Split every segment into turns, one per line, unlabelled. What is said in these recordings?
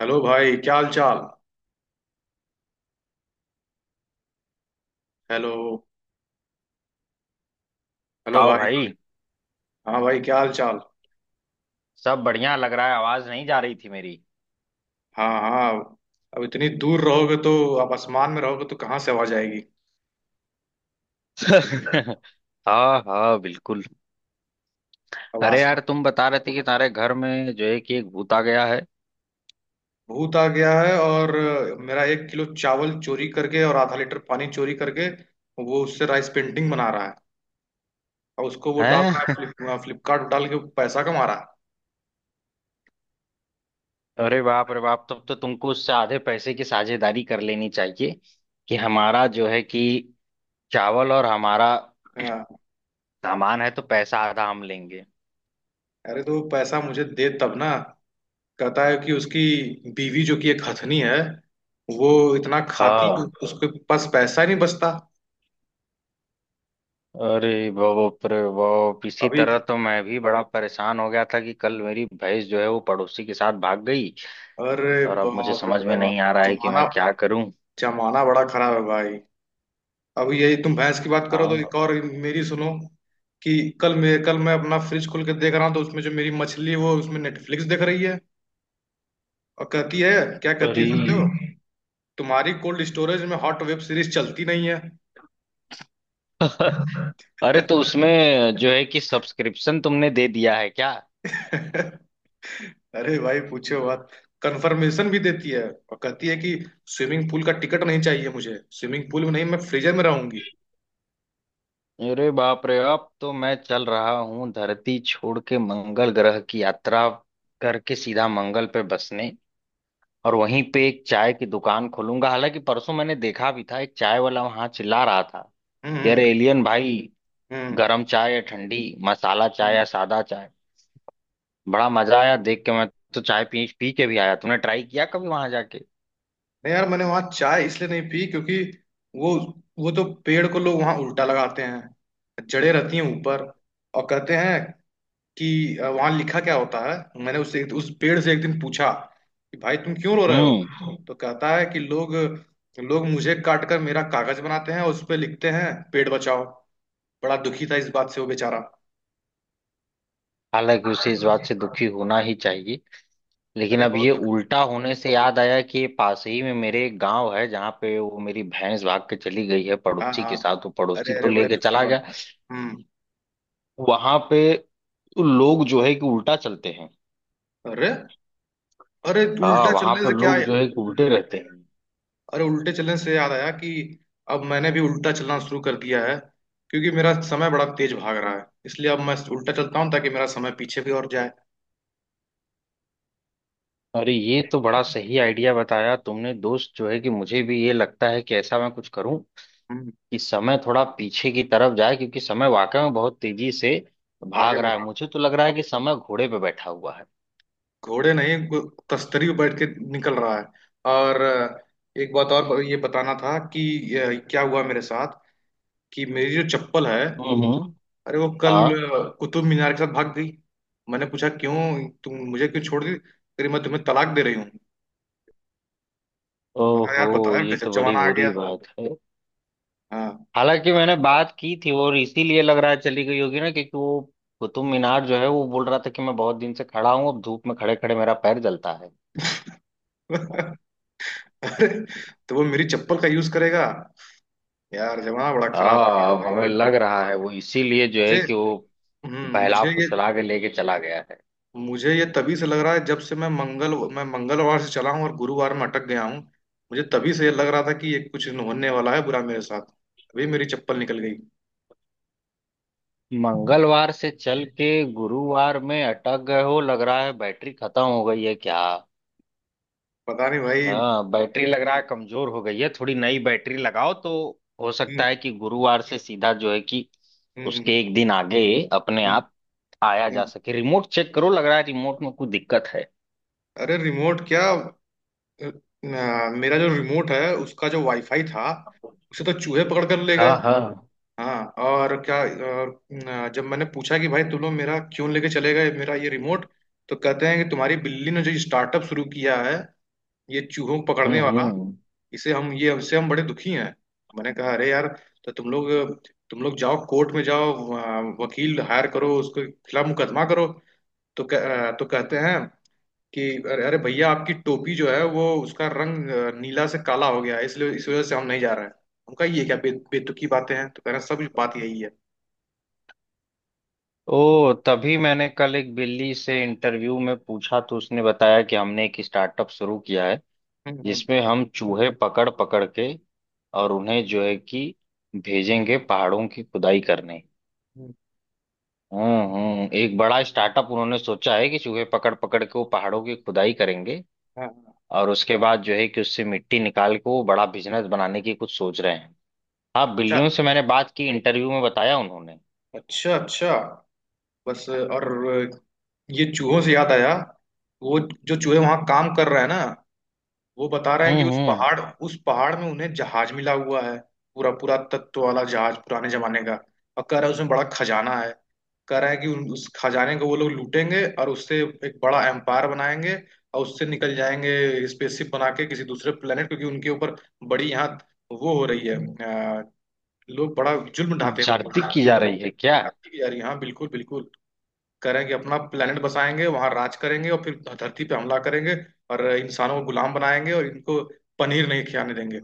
Hello भाई, क्या हाल चाल। हेलो। हेलो
बताओ
भाई।
भाई।
हाँ भाई, क्या हाल चाल।
सब बढ़िया। लग रहा है आवाज नहीं जा रही थी मेरी।
हाँ, हाँ। अब इतनी दूर रहोगे तो आप आसमान में रहोगे तो कहाँ से आवाज आएगी।
हाँ हाँ बिल्कुल।
अब
अरे यार,
आसमान।
तुम बता रहे थे कि तुम्हारे घर में जो है कि एक भूत आ गया है।
भूत आ गया है, और मेरा 1 किलो चावल चोरी करके और आधा लीटर पानी चोरी करके वो उससे राइस पेंटिंग बना रहा है। और उसको वो डाल रहा
हैं?
है फ्लिपकार्ट डाल के पैसा कमा रहा
अरे बाप रे बाप, तब तो तुमको उससे आधे पैसे की साझेदारी कर लेनी चाहिए कि हमारा जो है कि चावल और हमारा
है। हाँ।
सामान है तो पैसा आधा हम लेंगे।
अरे तो वो पैसा मुझे दे तब ना। कहता है कि उसकी बीवी, जो कि एक हथनी है, वो इतना खाती कि
हाँ।
उसके पास पैसा ही नहीं बचता।
अरे बाप रे बाप, इसी
अभी।
तरह तो मैं भी बड़ा परेशान हो गया था कि कल मेरी भैंस जो है वो पड़ोसी के साथ भाग गई।
अरे
और अब मुझे
बाप रे
समझ में
बाप।
नहीं आ रहा है कि
जमाना
मैं क्या करूं।
जमाना बड़ा खराब है भाई। अब यही, तुम भैंस की बात करो तो एक
हाँ।
और मेरी सुनो कि कल मैं अपना फ्रिज खोल के देख रहा हूँ तो उसमें जो मेरी मछली है, वो उसमें नेटफ्लिक्स देख रही है। और कहती है, क्या कहती
अरे
है जानते हो? तुम्हारी कोल्ड स्टोरेज में हॉट वेब सीरीज चलती नहीं है।
अरे, तो उसमें जो है कि सब्सक्रिप्शन तुमने दे दिया है क्या?
अरे भाई पूछो बात। कंफर्मेशन भी देती है और कहती है कि स्विमिंग पूल का टिकट नहीं चाहिए मुझे, स्विमिंग पूल में नहीं, मैं फ्रीजर में रहूंगी।
अरे बाप रे, अब तो मैं चल रहा हूँ धरती छोड़ के मंगल ग्रह की यात्रा करके सीधा मंगल पे बसने। और वहीं पे एक चाय की दुकान खोलूंगा। हालांकि परसों मैंने देखा भी था, एक चाय वाला वहां चिल्ला रहा था,
हम्म,
यार
हम्म,
एलियन भाई,
हम्म।
गरम चाय या ठंडी, मसाला चाय या
हम्म।
सादा चाय। बड़ा मजा आया देख के मैं तो चाय पी पी के भी आया। तुमने ट्राई किया कभी वहां जाके?
नहीं यार, मैंने वहां चाय इसलिए नहीं पी क्योंकि वो वो तो पेड़ को लोग वहां उल्टा लगाते हैं, जड़ें रहती हैं ऊपर। और कहते हैं कि वहां लिखा क्या होता है। मैंने उस पेड़ से एक दिन पूछा कि भाई तुम क्यों रो रहे
हम्म।
हो, तो कहता है कि लोग लोग मुझे काट कर मेरा कागज बनाते हैं और उस पर लिखते हैं पेड़ बचाओ। बड़ा दुखी था इस बात से वो बेचारा।
हालांकि उसे इस बात से दुखी होना ही चाहिए। लेकिन
अरे
अब
बहुत
ये
दुख।
उल्टा होने से याद आया कि ये पास ही में मेरे एक गांव है जहाँ पे वो मेरी भैंस भाग के चली गई है
हाँ,
पड़ोसी
हाँ।
के साथ, वो पड़ोसी
अरे,
तो
अरे, बड़े
लेके
दुख की
चला
बात।
गया।
हम्म।
वहां पे लोग जो है कि उल्टा चलते हैं।
अरे, अरे,
हाँ,
उल्टा
वहां
चलने
पर
से क्या?
लोग जो है कि उल्टे रहते हैं।
अरे, उल्टे चलने से याद आया कि अब मैंने भी उल्टा चलना शुरू कर दिया है, क्योंकि मेरा समय बड़ा तेज भाग रहा है, इसलिए अब मैं उल्टा चलता हूँ ताकि मेरा समय पीछे भी और जाए।
अरे ये तो बड़ा सही आइडिया बताया तुमने दोस्त, जो है कि मुझे भी ये लगता है कि ऐसा मैं कुछ करूं
हम्म।
कि समय थोड़ा पीछे की तरफ जाए। क्योंकि समय वाकई में बहुत तेजी से भाग
आगे
रहा
बढ़
है,
रहा।
मुझे तो लग रहा है कि समय घोड़े पे बैठा हुआ है।
घोड़े नहीं, तस्तरी पे बैठ के निकल रहा है। और एक बात और ये बताना था कि क्या हुआ मेरे साथ, कि मेरी जो चप्पल है,
हम्म। हम्म।
अरे वो कल
हाँ।
कुतुब मीनार के साथ भाग गई। मैंने पूछा क्यों, तुम मुझे क्यों छोड़ दी? कह रही मैं तुम्हें तलाक दे रही हूँ। मैं कहा
ओहो,
यार, बताया
ये
गजब
तो बड़ी
जमाना आ
बुरी
गया।
बात है।
हाँ।
हालांकि मैंने बात की थी और इसीलिए लग रहा है चली गई होगी ना, क्योंकि वो कुतुब मीनार जो है वो बोल रहा था कि मैं बहुत दिन से खड़ा हूँ, अब धूप में खड़े खड़े मेरा पैर जलता है।
अरे तो वो मेरी चप्पल का यूज करेगा। यार, जमाना बड़ा खराब हो
हाँ,
गया
अब हमें
भाई।
लग रहा है वो इसीलिए जो है
मुझे
कि वो
हम्म
बहला
मुझे ये
फुसला के लेके चला गया है।
मुझे ये तभी से लग रहा है जब से मैं मंगलवार से चला हूँ और गुरुवार में अटक गया हूँ। मुझे तभी से ये लग रहा था कि ये कुछ होने वाला है बुरा मेरे साथ। अभी मेरी चप्पल निकल गई।
मंगलवार से चल के गुरुवार में अटक गए हो, लग रहा है बैटरी खत्म हो गई है क्या?
पता नहीं भाई।
हाँ, बैटरी लग रहा है कमजोर हो गई है, थोड़ी नई बैटरी लगाओ तो हो सकता
हम्म,
है कि गुरुवार से सीधा जो है कि
हम्म, हम्म,
उसके एक दिन आगे अपने
हम्म।
आप आया जा
हम्म।
सके। रिमोट चेक करो, लग रहा है रिमोट में कुछ दिक्कत है।
अरे रिमोट क्या? अ, मेरा जो रिमोट है उसका जो वाईफाई था, उसे तो चूहे पकड़ कर ले
हाँ
गए।
हाँ।
हाँ, और क्या। और, न, जब मैंने पूछा कि भाई तुम लोग मेरा क्यों लेके चले गए मेरा ये रिमोट, तो कहते हैं कि तुम्हारी बिल्ली ने जो स्टार्टअप शुरू किया है, ये चूहों को पकड़ने वाला,
हम्म।
इसे हम ये हमसे हम बड़े दुखी हैं। मैंने कहा अरे यार, तो तुम लोग जाओ, कोर्ट में जाओ, वकील हायर करो, उसके खिलाफ मुकदमा करो। तो कहते हैं कि अरे, अरे, भैया आपकी टोपी जो है, वो उसका रंग नीला से काला हो गया है, इसलिए इस वजह से हम नहीं जा रहे हैं। हम कहा ये क्या बेतुकी बातें हैं, तो कह रहे हैं सब बात यही है।
ओ, तभी मैंने कल एक दिल्ली से इंटरव्यू में पूछा तो उसने बताया कि हमने एक स्टार्टअप शुरू किया है
हम्म,
जिसमें हम चूहे पकड़ पकड़ के और उन्हें जो है कि
हम्म,
भेजेंगे पहाड़ों की खुदाई करने।
हम्म।
हम्म, एक बड़ा स्टार्टअप उन्होंने सोचा है कि चूहे पकड़ पकड़ के वो पहाड़ों की खुदाई करेंगे।
हाँ, हाँ।
और उसके बाद जो है कि उससे मिट्टी निकाल के वो बड़ा बिजनेस बनाने की कुछ सोच रहे हैं। हाँ,
अच्छा,
बिल्लियों से मैंने बात की, इंटरव्यू में बताया उन्होंने।
अच्छा। अच्छा, बस, और ये चूहों से याद आया। वो जो चूहे वहां काम कर रहे हैं ना, वो बता रहे हैं कि उस
हम्म।
पहाड़ उस पहाड़ में उन्हें जहाज मिला हुआ है। पूरा पूरा तत्व वाला जहाज, पुराने जमाने का। और कह रहा है उसमें बड़ा खजाना है। कह रहा है कि उस खजाने को वो लोग लूटेंगे और उससे एक बड़ा एम्पायर बनाएंगे। और उससे निकल जाएंगे, स्पेसशिप बना के किसी दूसरे प्लेनेट, क्योंकि उनके ऊपर बड़ी यहाँ वो हो रही है। लोग बड़ा जुल्म ढाते
भर्ती की
होंगे।
जा रही है क्या?
लगती भी जा रही है। हाँ, बिल्कुल, बिल्कुल। करेंगे अपना planet बसाएंगे, वहां राज करेंगे और फिर धरती पे हमला करेंगे और इंसानों को गुलाम बनाएंगे और इनको पनीर नहीं खिलाने देंगे।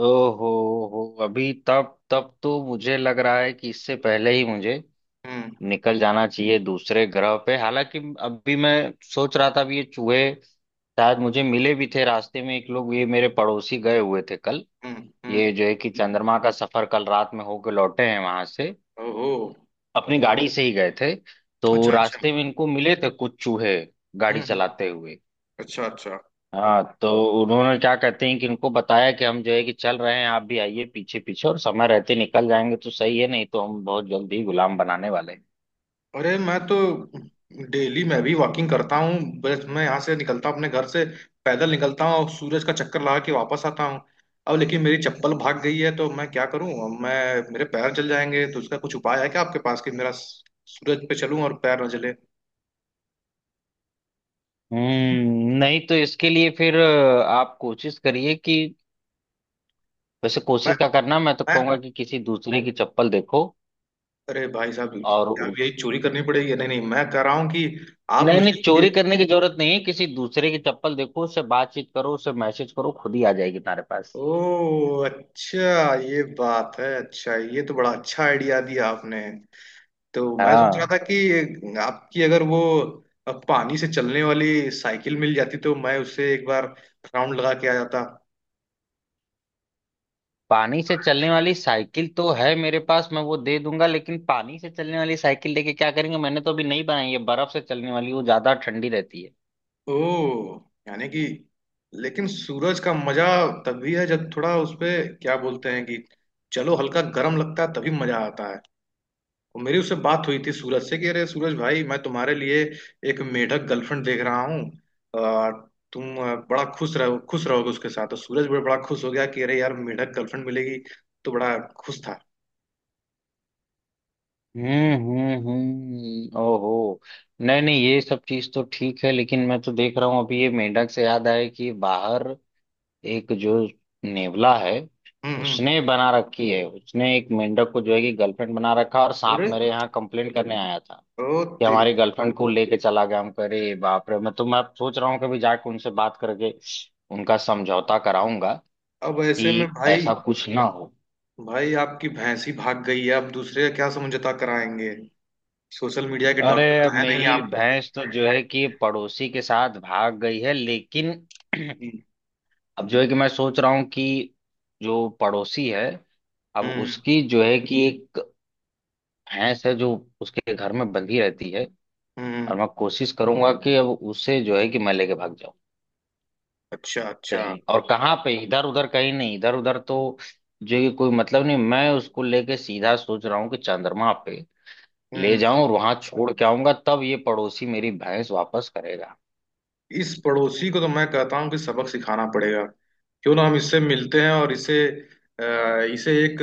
ओहो, हो, अभी तब तब तो मुझे लग रहा है कि इससे पहले ही मुझे
हम्म,
निकल जाना चाहिए दूसरे ग्रह पे। हालांकि अभी मैं सोच रहा था भी ये चूहे शायद मुझे मिले भी थे रास्ते में। एक लोग ये मेरे पड़ोसी गए हुए थे कल,
हम्म, हम्म।
ये जो है कि चंद्रमा का सफर कल रात में होके लौटे हैं वहां से।
ओहो।
अपनी गाड़ी से ही गए थे। तो
अच्छा, अच्छा।
रास्ते में इनको मिले थे कुछ चूहे गाड़ी
हम्म, हम्म।
चलाते हुए।
अच्छा, अच्छा।
हाँ, तो उन्होंने क्या कहते हैं कि इनको बताया कि हम जो है कि चल रहे हैं, आप भी आइए पीछे पीछे और समय रहते निकल जाएंगे तो सही है, नहीं तो हम बहुत जल्दी गुलाम बनाने वाले हैं।
अरे मैं तो डेली मैं भी वॉकिंग करता हूँ। बस मैं यहाँ से निकलता हूँ अपने घर से, पैदल निकलता हूँ और सूरज का चक्कर लगा के वापस आता हूँ। अब लेकिन मेरी चप्पल भाग गई है तो मैं क्या करूँ? अब मैं मेरे पैर जल जाएंगे, तो उसका कुछ उपाय है क्या आपके पास, कि मेरा सूरज पे चलूँ और पैर न जले?
हम्म, नहीं तो इसके लिए फिर आप कोशिश करिए कि, वैसे
मैं
कोशिश का करना, मैं तो कहूंगा
मैं
कि किसी दूसरे की चप्पल देखो।
अरे भाई साहब,
और
क्या अब यही
उस,
चोरी करनी पड़ेगी? नहीं, नहीं, मैं कह रहा हूँ कि आप
नहीं
मुझे
नहीं,
ये।
चोरी करने की जरूरत नहीं है, किसी दूसरे की चप्पल देखो, उससे बातचीत करो, उससे मैसेज करो, खुद ही आ जाएगी तुम्हारे पास।
ओ अच्छा, ये बात है। अच्छा, ये तो बड़ा अच्छा आइडिया दिया आपने। तो मैं सोच रहा
हाँ।
था कि आपकी अगर वो पानी से चलने वाली साइकिल मिल जाती तो मैं उससे एक बार राउंड लगा के आ जाता।
पानी से चलने वाली साइकिल तो है मेरे पास, मैं वो दे दूंगा, लेकिन पानी से चलने वाली साइकिल लेके क्या करेंगे? मैंने तो अभी नहीं बनाई है बर्फ से चलने वाली, वो ज्यादा ठंडी रहती है।
ओ, यानी कि, लेकिन सूरज का मजा तभी है जब थोड़ा उसपे, क्या बोलते हैं कि, चलो, हल्का गर्म लगता है तभी मजा आता है। और मेरी उससे बात हुई थी सूरज से कि अरे सूरज भाई, मैं तुम्हारे लिए एक मेढक गर्लफ्रेंड देख रहा हूँ। आ, तुम बड़ा खुश रहो, खुश रहोगे उसके साथ। तो सूरज भी बड़ा खुश हो गया कि अरे यार, मेढक गर्लफ्रेंड मिलेगी। तो बड़ा खुश था।
ओहो, नहीं नहीं, ये सब चीज तो ठीक है, लेकिन मैं तो देख रहा हूँ अभी, ये मेंढक से याद आया कि बाहर एक जो नेवला है,
हम्म, हम्म।
उसने बना रखी है, उसने एक मेंढक को जो है कि गर्लफ्रेंड बना रखा, और सांप
अरे,
मेरे यहाँ कंप्लेन करने आया था
ओ
कि
तेरी।
हमारी गर्लफ्रेंड को लेके चला गया। हम करे, बाप रे, मैं तो मैं अब सोच रहा हूँ कभी जाके उनसे बात करके उनका समझौता कराऊंगा
अब ऐसे में
कि
भाई,
ऐसा कुछ ना हो।
भाई आपकी भैंसी भाग गई है, अब दूसरे का क्या समझौता कराएंगे? सोशल मीडिया के
अरे,
डॉक्टर तो है नहीं
मेरी
आप।
भैंस तो जो है कि पड़ोसी के साथ भाग गई है, लेकिन
हम्म,
अब जो है कि मैं सोच रहा हूँ कि जो पड़ोसी है, अब
हम्म,
उसकी जो है कि एक भैंस है जो उसके घर में बंधी रहती है। और
हम्म।
मैं कोशिश करूंगा कि अब उसे जो है कि मैं लेके भाग जाऊं
अच्छा, अच्छा।
कहीं और। कहाँ पे इधर उधर? कहीं नहीं, इधर उधर तो जो है कि कोई मतलब नहीं। मैं उसको लेके सीधा सोच रहा हूँ कि चंद्रमा पे ले
हम्म।
जाऊं और वहां छोड़ के आऊंगा, तब ये पड़ोसी मेरी भैंस वापस करेगा।
इस पड़ोसी को तो मैं कहता हूँ कि सबक सिखाना पड़ेगा। क्यों ना हम इससे मिलते हैं और इसे अ, इसे एक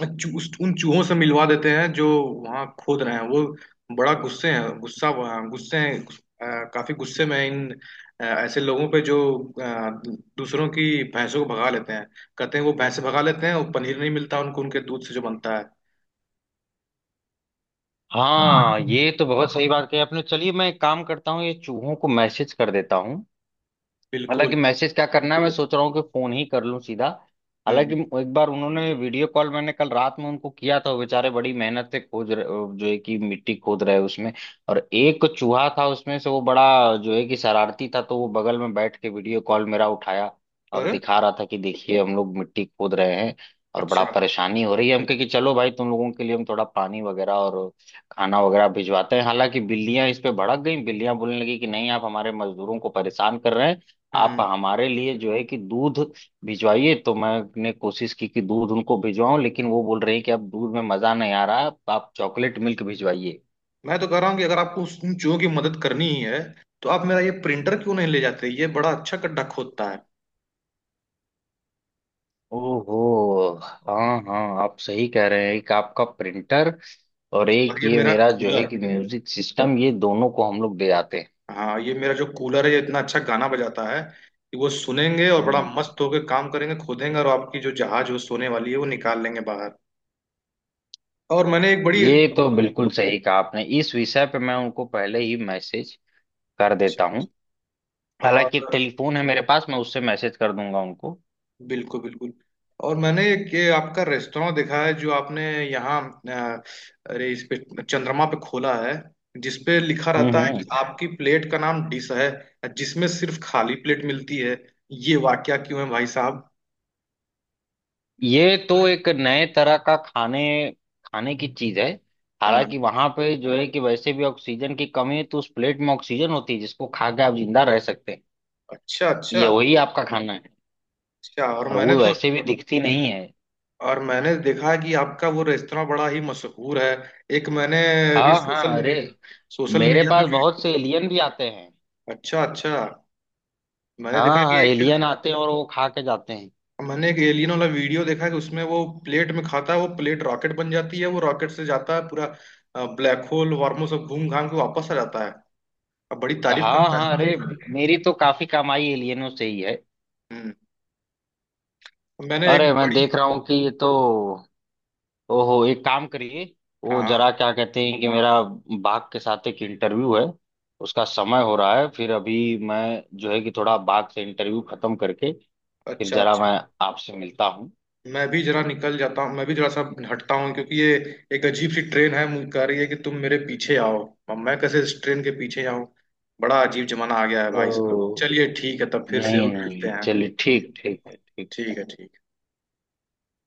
अ, उन चूहों से मिलवा देते हैं जो वहाँ खोद रहे हैं। वो बड़ा गुस्से हैं गुस्सा गुस्से हैं अ, काफी गुस्से में हैं इन ऐसे लोगों पे जो अ, दूसरों की भैंसों को भगा लेते हैं। कहते हैं वो भैंसे भगा लेते हैं और पनीर नहीं मिलता उनको, उनके दूध से जो बनता है।
हाँ ये तो बहुत सही बात कही आपने, चलिए मैं एक काम करता हूँ, ये चूहों को मैसेज कर देता हूँ। हालांकि
बिल्कुल।
मैसेज क्या करना है, मैं सोच रहा हूँ कि फोन ही कर लूं सीधा।
हम्म।
हालांकि एक बार उन्होंने वीडियो कॉल, मैंने कल रात में उनको किया था, वो बेचारे बड़ी मेहनत से खोज रहे, जो है कि मिट्टी खोद रहे उसमें। और एक चूहा था उसमें से वो बड़ा जो है कि शरारती था, तो वो बगल में बैठ के वीडियो कॉल मेरा उठाया और
और
दिखा रहा था कि देखिए हम लोग मिट्टी खोद रहे हैं और बड़ा
अच्छा।
परेशानी हो रही है। हम कहे कि चलो भाई, तुम लोगों के लिए हम थोड़ा पानी वगैरह और खाना वगैरह भिजवाते हैं। हालांकि बिल्लियां इस पे भड़क गई, बिल्लियां बोलने लगी कि नहीं, आप हमारे मजदूरों को परेशान कर रहे हैं, आप
हम्म।
हमारे लिए जो है कि दूध भिजवाइए। तो मैंने कोशिश की कि दूध उनको भिजवाऊं, लेकिन वो बोल रहे हैं कि अब दूध में मजा नहीं आ रहा, आप चॉकलेट मिल्क भिजवाइए।
मैं तो कह रहा हूँ कि अगर आपको उस उन चूहों की मदद करनी ही है, तो आप मेरा ये प्रिंटर क्यों नहीं ले जाते, ये बड़ा अच्छा गड्ढा खोदता है।
ओहो, हाँ हाँ, आप सही कह रहे हैं, एक आपका प्रिंटर और
और
एक
ये
ये
मेरा
मेरा जो है
कूलर।
कि म्यूजिक सिस्टम, ये दोनों को हम लोग दे जाते हैं।
हाँ, ये मेरा जो कूलर है ये इतना अच्छा गाना बजाता है कि वो सुनेंगे और बड़ा
हम्म,
मस्त होकर काम करेंगे, खोदेंगे, और आपकी जो जहाज वो सोने वाली है वो निकाल लेंगे बाहर। और मैंने एक बड़ी।
ये तो बिल्कुल सही कहा आपने, इस विषय पे मैं उनको पहले ही मैसेज कर देता
अच्छा।
हूँ। हालांकि एक
और
टेलीफोन है मेरे पास, मैं उससे मैसेज कर दूंगा उनको।
बिल्कुल, बिल्कुल। और मैंने एक ये आपका रेस्टोरेंट देखा है जो आपने यहाँ, अ, अरे इस पे, चंद्रमा पे खोला है, जिस पे लिखा रहता है
हम्म।
कि आपकी प्लेट का नाम डिश है, जिसमें सिर्फ खाली प्लेट मिलती है। ये वाकया क्यों है भाई साहब?
ये तो एक नए तरह का खाने खाने की चीज है।
हाँ,
हालांकि वहां पे जो है कि वैसे भी ऑक्सीजन की कमी है, तो उस प्लेट में ऑक्सीजन होती है जिसको खा के आप जिंदा रह सकते हैं।
अच्छा, अच्छा।
ये वही आपका खाना है।
अच्छा, और
और
मैंने
वो
तो।
वैसे भी दिखती नहीं है।
और मैंने देखा है कि आपका वो रेस्तरा बड़ा ही मशहूर है। एक मैंने अभी,
हाँ हाँ,
सोशल
अरे,
मीडिया सोशल
मेरे
मीडिया पे
पास
वी
बहुत से एलियन भी आते हैं।
अच्छा, अच्छा। मैंने देखा
हाँ
कि
हाँ,
एक।
एलियन आते हैं और वो खा के जाते हैं।
मैंने एक एलियन वाला वीडियो देखा है कि उसमें वो प्लेट में खाता है, वो प्लेट रॉकेट बन जाती है, वो रॉकेट से जाता है, पूरा ब्लैक होल वार्मो सब घूम घाम के वापस आ जाता है। अब बड़ी तारीफ
हाँ
करता
हाँ,
है
अरे,
आपकी।
मेरी तो काफी कमाई एलियनों से ही है।
हम्म। मैंने एक
अरे मैं
बड़ी।
देख रहा हूँ कि ये तो, ओहो, एक काम करिए, वो
हाँ,
जरा क्या कहते हैं कि मेरा बाघ के साथ एक इंटरव्यू है, उसका समय हो रहा है। फिर अभी मैं जो है कि थोड़ा बाघ से इंटरव्यू खत्म करके फिर
अच्छा,
जरा
अच्छा।
मैं आपसे मिलता हूँ।
मैं भी जरा निकल जाता हूँ, मैं भी जरा सा हटता हूँ क्योंकि ये एक अजीब सी ट्रेन है, मुझे कह रही है कि तुम मेरे पीछे आओ। अब मैं कैसे इस ट्रेन के पीछे आऊँ? बड़ा अजीब जमाना आ गया है भाई साहब।
तो
चलिए ठीक है, तब फिर
नहीं
जरूर मिलते
नहीं,
हैं।
चलिए ठीक, ठीक है, ठीक।
ठीक है, ठीक।